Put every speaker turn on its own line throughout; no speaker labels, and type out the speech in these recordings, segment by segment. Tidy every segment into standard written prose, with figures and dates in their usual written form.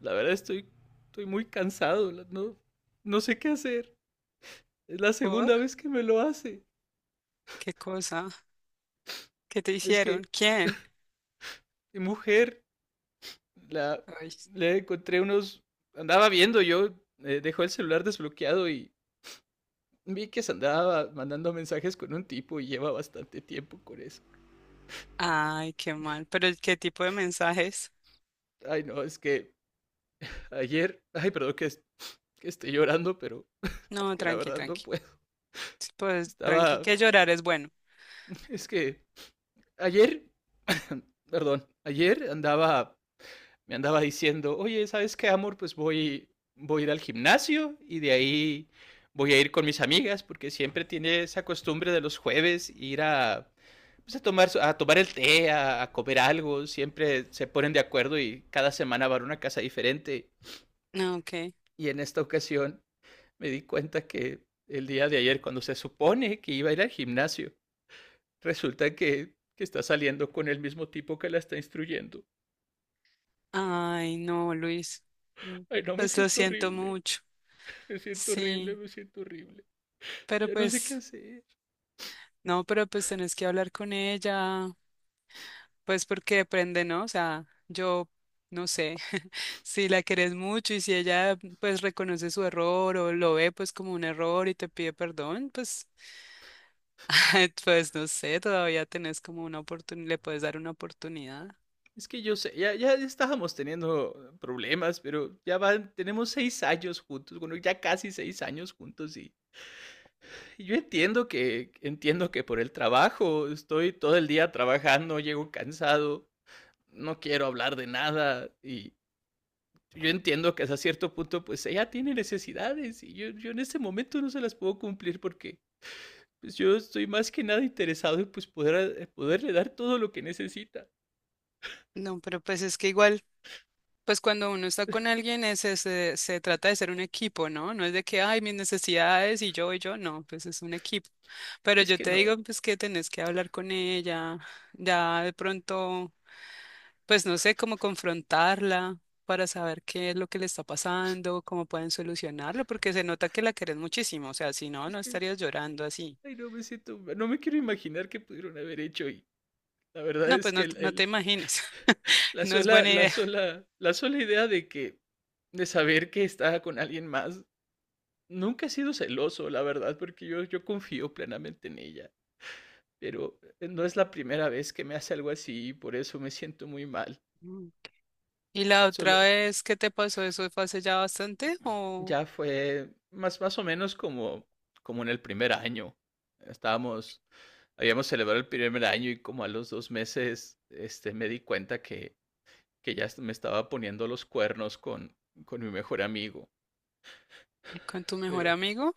La verdad estoy muy cansado, no, no sé qué hacer. Es la
¿Por?
segunda vez que me lo hace.
¿Qué cosa? ¿Qué te
Es
hicieron?
que
¿Quién?
mi mujer, la,
Ay,
le encontré unos... Andaba viendo yo, dejó el celular desbloqueado y vi que se andaba mandando mensajes con un tipo y lleva bastante tiempo con eso.
ay, qué mal. ¿Pero qué tipo de mensajes?
Ay, no, es que ayer, ay, perdón que esté llorando, pero es
No,
que la
tranqui,
verdad no
tranqui.
puedo.
Pues tranqui,
Estaba,
que llorar es bueno.
es que ayer, perdón, ayer andaba me andaba diciendo: oye, ¿sabes qué, amor? Pues voy a ir al gimnasio y de ahí voy a ir con mis amigas, porque siempre tiene esa costumbre de los jueves ir pues, a tomar el té, a comer algo, siempre se ponen de acuerdo y cada semana van a una casa diferente.
Ah, ok.
Y en esta ocasión me di cuenta que el día de ayer, cuando se supone que iba a ir al gimnasio, resulta que está saliendo con el mismo tipo que la está instruyendo.
Ay, no, Luis. Mm.
Ay, no, me
Pues lo
siento
siento
horrible.
mucho.
Me siento horrible,
Sí,
me siento horrible.
pero
Ya no sé qué
pues,
hacer.
no, pero pues tenés que hablar con ella. Pues porque depende, ¿no? O sea, yo no sé si la querés mucho y si ella pues reconoce su error o lo ve pues como un error y te pide perdón, pues. Pues no sé, todavía tenés como una oportunidad, le puedes dar una oportunidad.
Es que yo sé, ya estábamos teniendo problemas, pero ya van, tenemos 6 años juntos, bueno, ya casi 6 años juntos y yo entiendo que por el trabajo estoy todo el día trabajando, llego cansado, no quiero hablar de nada y yo entiendo que hasta cierto punto pues ella tiene necesidades y yo en este momento no se las puedo cumplir, porque pues yo estoy más que nada interesado en pues poderle dar todo lo que necesita.
No, pero pues es que igual, pues cuando uno está con alguien es, se trata de ser un equipo, ¿no? No es de que, ay, mis necesidades y yo, no, pues es un equipo. Pero
Es
yo
que
te digo,
no,
pues que tenés que hablar con ella, ya de pronto, pues no sé cómo confrontarla para saber qué es lo que le está pasando, cómo pueden solucionarlo, porque se nota que la querés muchísimo, o sea, si no,
es
no
que,
estarías llorando así.
ay, no me siento, no me quiero imaginar qué pudieron haber hecho. Y la verdad
No,
es
pues no,
que
no te imagines.
la
No es
sola,
buena
la
idea.
sola, la sola idea de que, de saber que está con alguien más. Nunca he sido celoso, la verdad, porque yo confío plenamente en ella, pero no es la primera vez que me hace algo así y por eso me siento muy mal.
Mm. ¿Y la otra
Solo,
vez qué te pasó? ¿Eso fue hace ya bastante o
Ya fue más o menos como en el primer año. Estábamos, habíamos celebrado el primer año y como a los 2 meses, me di cuenta que ya me estaba poniendo los cuernos con mi mejor amigo.
con tu mejor
Pero
amigo?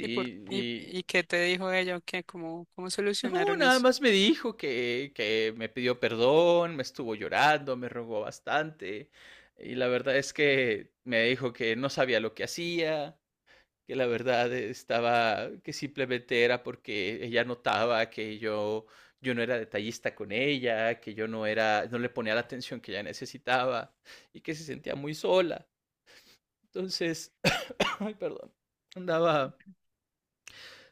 ¿Y
y
qué te dijo ella? O ¿qué, cómo,
no,
solucionaron
nada
eso?
más me dijo que me pidió perdón, me estuvo llorando, me rogó bastante. Y la verdad es que me dijo que no sabía lo que hacía, que la verdad estaba, que simplemente era porque ella notaba que yo no era detallista con ella, que yo no era, no le ponía la atención que ella necesitaba y que se sentía muy sola. Entonces, ay, perdón, andaba,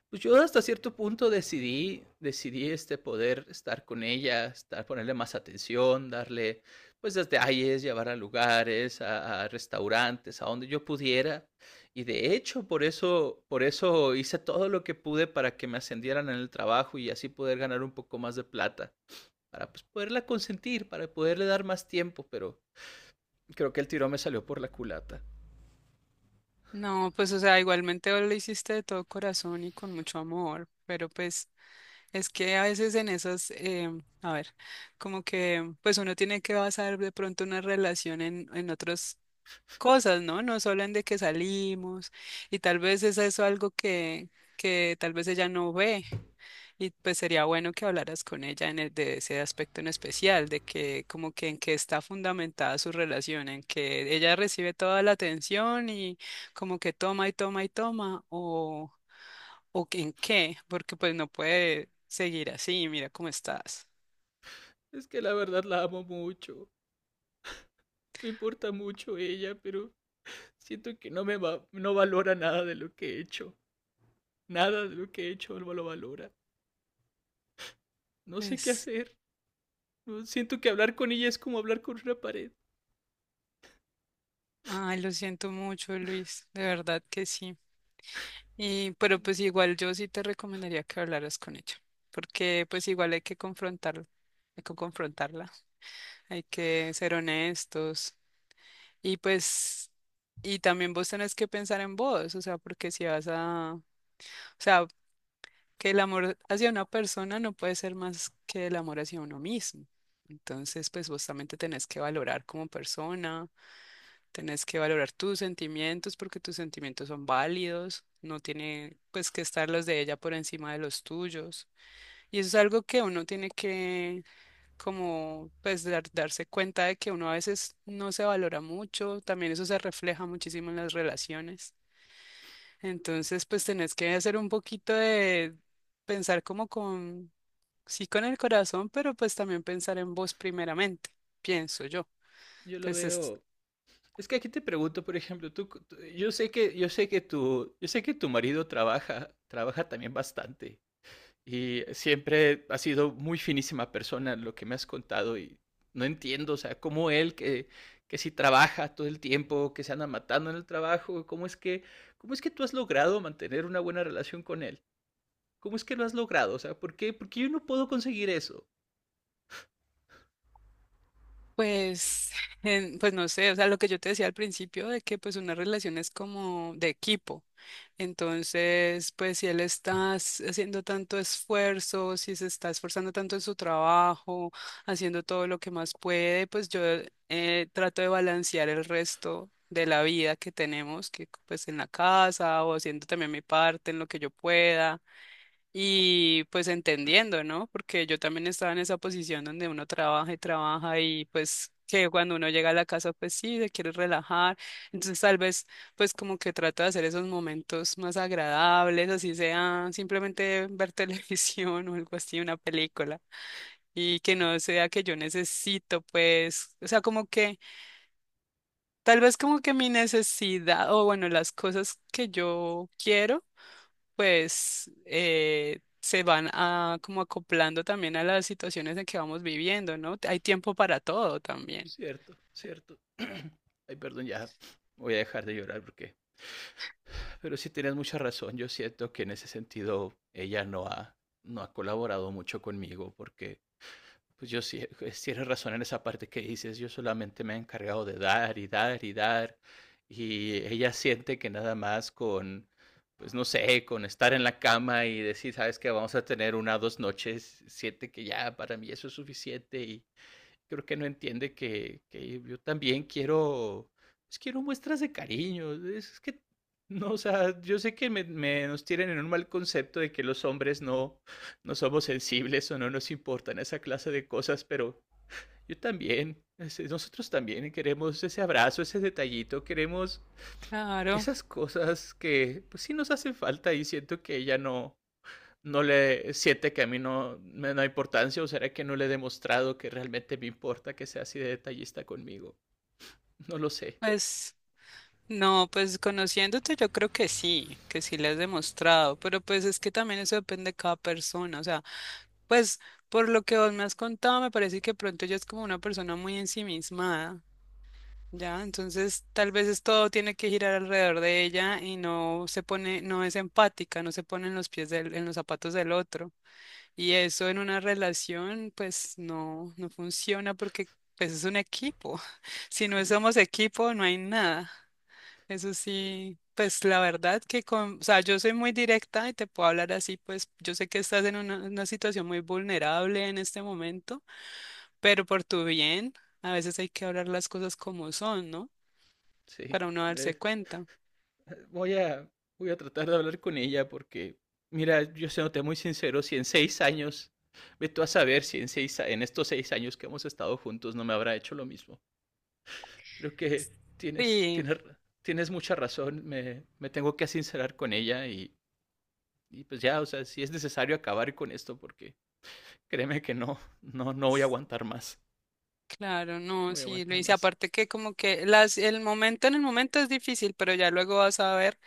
pues yo hasta cierto punto decidí, poder estar con ella, estar, ponerle más atención, darle pues detalles, llevar a lugares, a restaurantes, a donde yo pudiera. Y de hecho, por eso hice todo lo que pude para que me ascendieran en el trabajo y así poder ganar un poco más de plata, para pues poderla consentir, para poderle dar más tiempo, pero creo que el tirón me salió por la culata.
No, pues o sea, igualmente vos lo hiciste de todo corazón y con mucho amor, pero pues es que a veces en esas, a ver, como que pues uno tiene que basar de pronto una relación en, otros cosas, ¿no? No solo en de que salimos y tal vez es eso algo que tal vez ella no ve y pues sería bueno que hablaras con ella de ese aspecto en especial, de que como que en qué está fundamentada su relación, en que ella recibe toda la atención y como que toma y toma y toma o que en qué, porque pues no puede seguir así, mira cómo estás.
Es que la verdad la amo mucho, me importa mucho ella, pero siento que no me va, no valora nada de lo que he hecho. Nada de lo que he hecho no lo valora. No sé qué
Pues,
hacer. Siento que hablar con ella es como hablar con una pared.
ay, lo siento mucho, Luis, de verdad que sí. Y, pero pues igual yo sí te recomendaría que hablaras con ella, porque pues igual hay que confrontarla, hay que confrontarla, hay que ser honestos y pues, y también vos tenés que pensar en vos, o sea, porque si vas a, o sea, que el amor hacia una persona no puede ser más que el amor hacia uno mismo. Entonces, pues vos también te tenés que valorar como persona, tenés que valorar tus sentimientos porque tus sentimientos son válidos, no tiene pues que estar los de ella por encima de los tuyos. Y eso es algo que uno tiene que como pues darse cuenta de que uno a veces no se valora mucho, también eso se refleja muchísimo en las relaciones. Entonces pues tenés que hacer un poquito de pensar como sí con el corazón, pero pues también pensar en vos primeramente, pienso yo.
Yo lo
Pues es
veo. Es que aquí te pregunto, por ejemplo, yo sé que tu, yo sé que tu marido trabaja también bastante. Y siempre ha sido muy finísima persona lo que me has contado y no entiendo, o sea, cómo él que si trabaja todo el tiempo, que se anda matando en el trabajo, cómo es que tú has logrado mantener una buena relación con él, cómo es que lo has logrado, o sea, ¿por qué? Porque yo no puedo conseguir eso.
Pues, pues no sé, o sea, lo que yo te decía al principio de que pues una relación es como de equipo. Entonces, pues si él está haciendo tanto esfuerzo, si se está esforzando tanto en su trabajo, haciendo todo lo que más puede, pues yo trato de balancear el resto de la vida que tenemos, que pues en la casa o haciendo también mi parte en lo que yo pueda. Y pues entendiendo, ¿no? Porque yo también estaba en esa posición donde uno trabaja y trabaja y pues que cuando uno llega a la casa pues sí, se quiere relajar. Entonces tal vez pues como que trato de hacer esos momentos más agradables, así sea simplemente ver televisión o algo así, una película. Y que no sea que yo necesito pues, o sea, como que tal vez como que mi necesidad o bueno, las cosas que yo quiero pues se van a, como acoplando también a las situaciones en que vamos viviendo, ¿no? Hay tiempo para todo también.
Cierto, cierto. Ay, perdón, ya voy a dejar de llorar, porque, pero sí, tienes mucha razón. Yo siento que en ese sentido ella no ha colaborado mucho conmigo, porque pues yo sí, pues tienes razón en esa parte que dices, yo solamente me he encargado de dar y dar y dar, y ella siente que nada más con, pues no sé, con estar en la cama y decir: sabes que vamos a tener una o dos noches, siente que ya para mí eso es suficiente y creo que no entiende que yo también quiero, pues quiero muestras de cariño. Es que, no, o sea, yo sé que nos tienen en un mal concepto de que los hombres no somos sensibles o no nos importan esa clase de cosas, pero yo también, nosotros también queremos ese abrazo, ese detallito, queremos
Claro,
esas cosas que, pues sí nos hacen falta, y siento que ella no le siente que a mí no me da importancia, o será que no le he demostrado que realmente me importa que sea así de detallista conmigo. No lo sé,
pues no, pues conociéndote yo creo que sí le has demostrado, pero pues es que también eso depende de cada persona, o sea, pues por lo que vos me has contado, me parece que pronto ella es como una persona muy ensimismada. Ya, entonces tal vez es todo tiene que girar alrededor de ella y no se pone, no es empática, no se pone en los pies del, en los zapatos del otro. Y eso en una relación, pues no, no funciona porque pues, es un equipo. Si no somos equipo, no hay nada. Eso sí, pues la verdad que con, o sea, yo soy muy directa y te puedo hablar así, pues yo sé que estás en una situación muy vulnerable en este momento, pero por tu bien, a veces hay que hablar las cosas como son, ¿no?
sí.
Para uno darse
Eh,
cuenta.
voy a, voy a tratar de hablar con ella, porque, mira, yo se muy sincero, si en 6 años, ve tú a saber si en, seis, en estos 6 años que hemos estado juntos no me habrá hecho lo mismo. Creo que
Sí,
tienes mucha razón, me tengo que sincerar con ella y pues ya, o sea, si es necesario acabar con esto, porque créeme que no voy a aguantar más.
claro,
No
no,
voy a
sí, lo
aguantar
hice.
más.
Aparte que como que las, el momento en el momento es difícil, pero ya luego vas a ver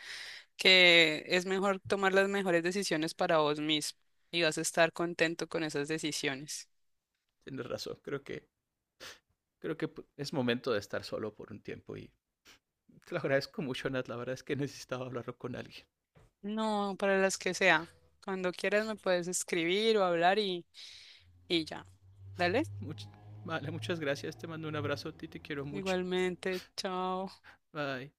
que es mejor tomar las mejores decisiones para vos mismo y vas a estar contento con esas decisiones.
Tienes razón. Creo que es momento de estar solo por un tiempo y te lo agradezco mucho, Nat. La verdad es que necesitaba hablarlo con alguien.
No, para las que sea. Cuando quieras me puedes escribir o hablar y ya. Dale.
Much- vale, muchas gracias. Te mando un abrazo a ti. Te quiero mucho.
Igualmente, chao.
Bye.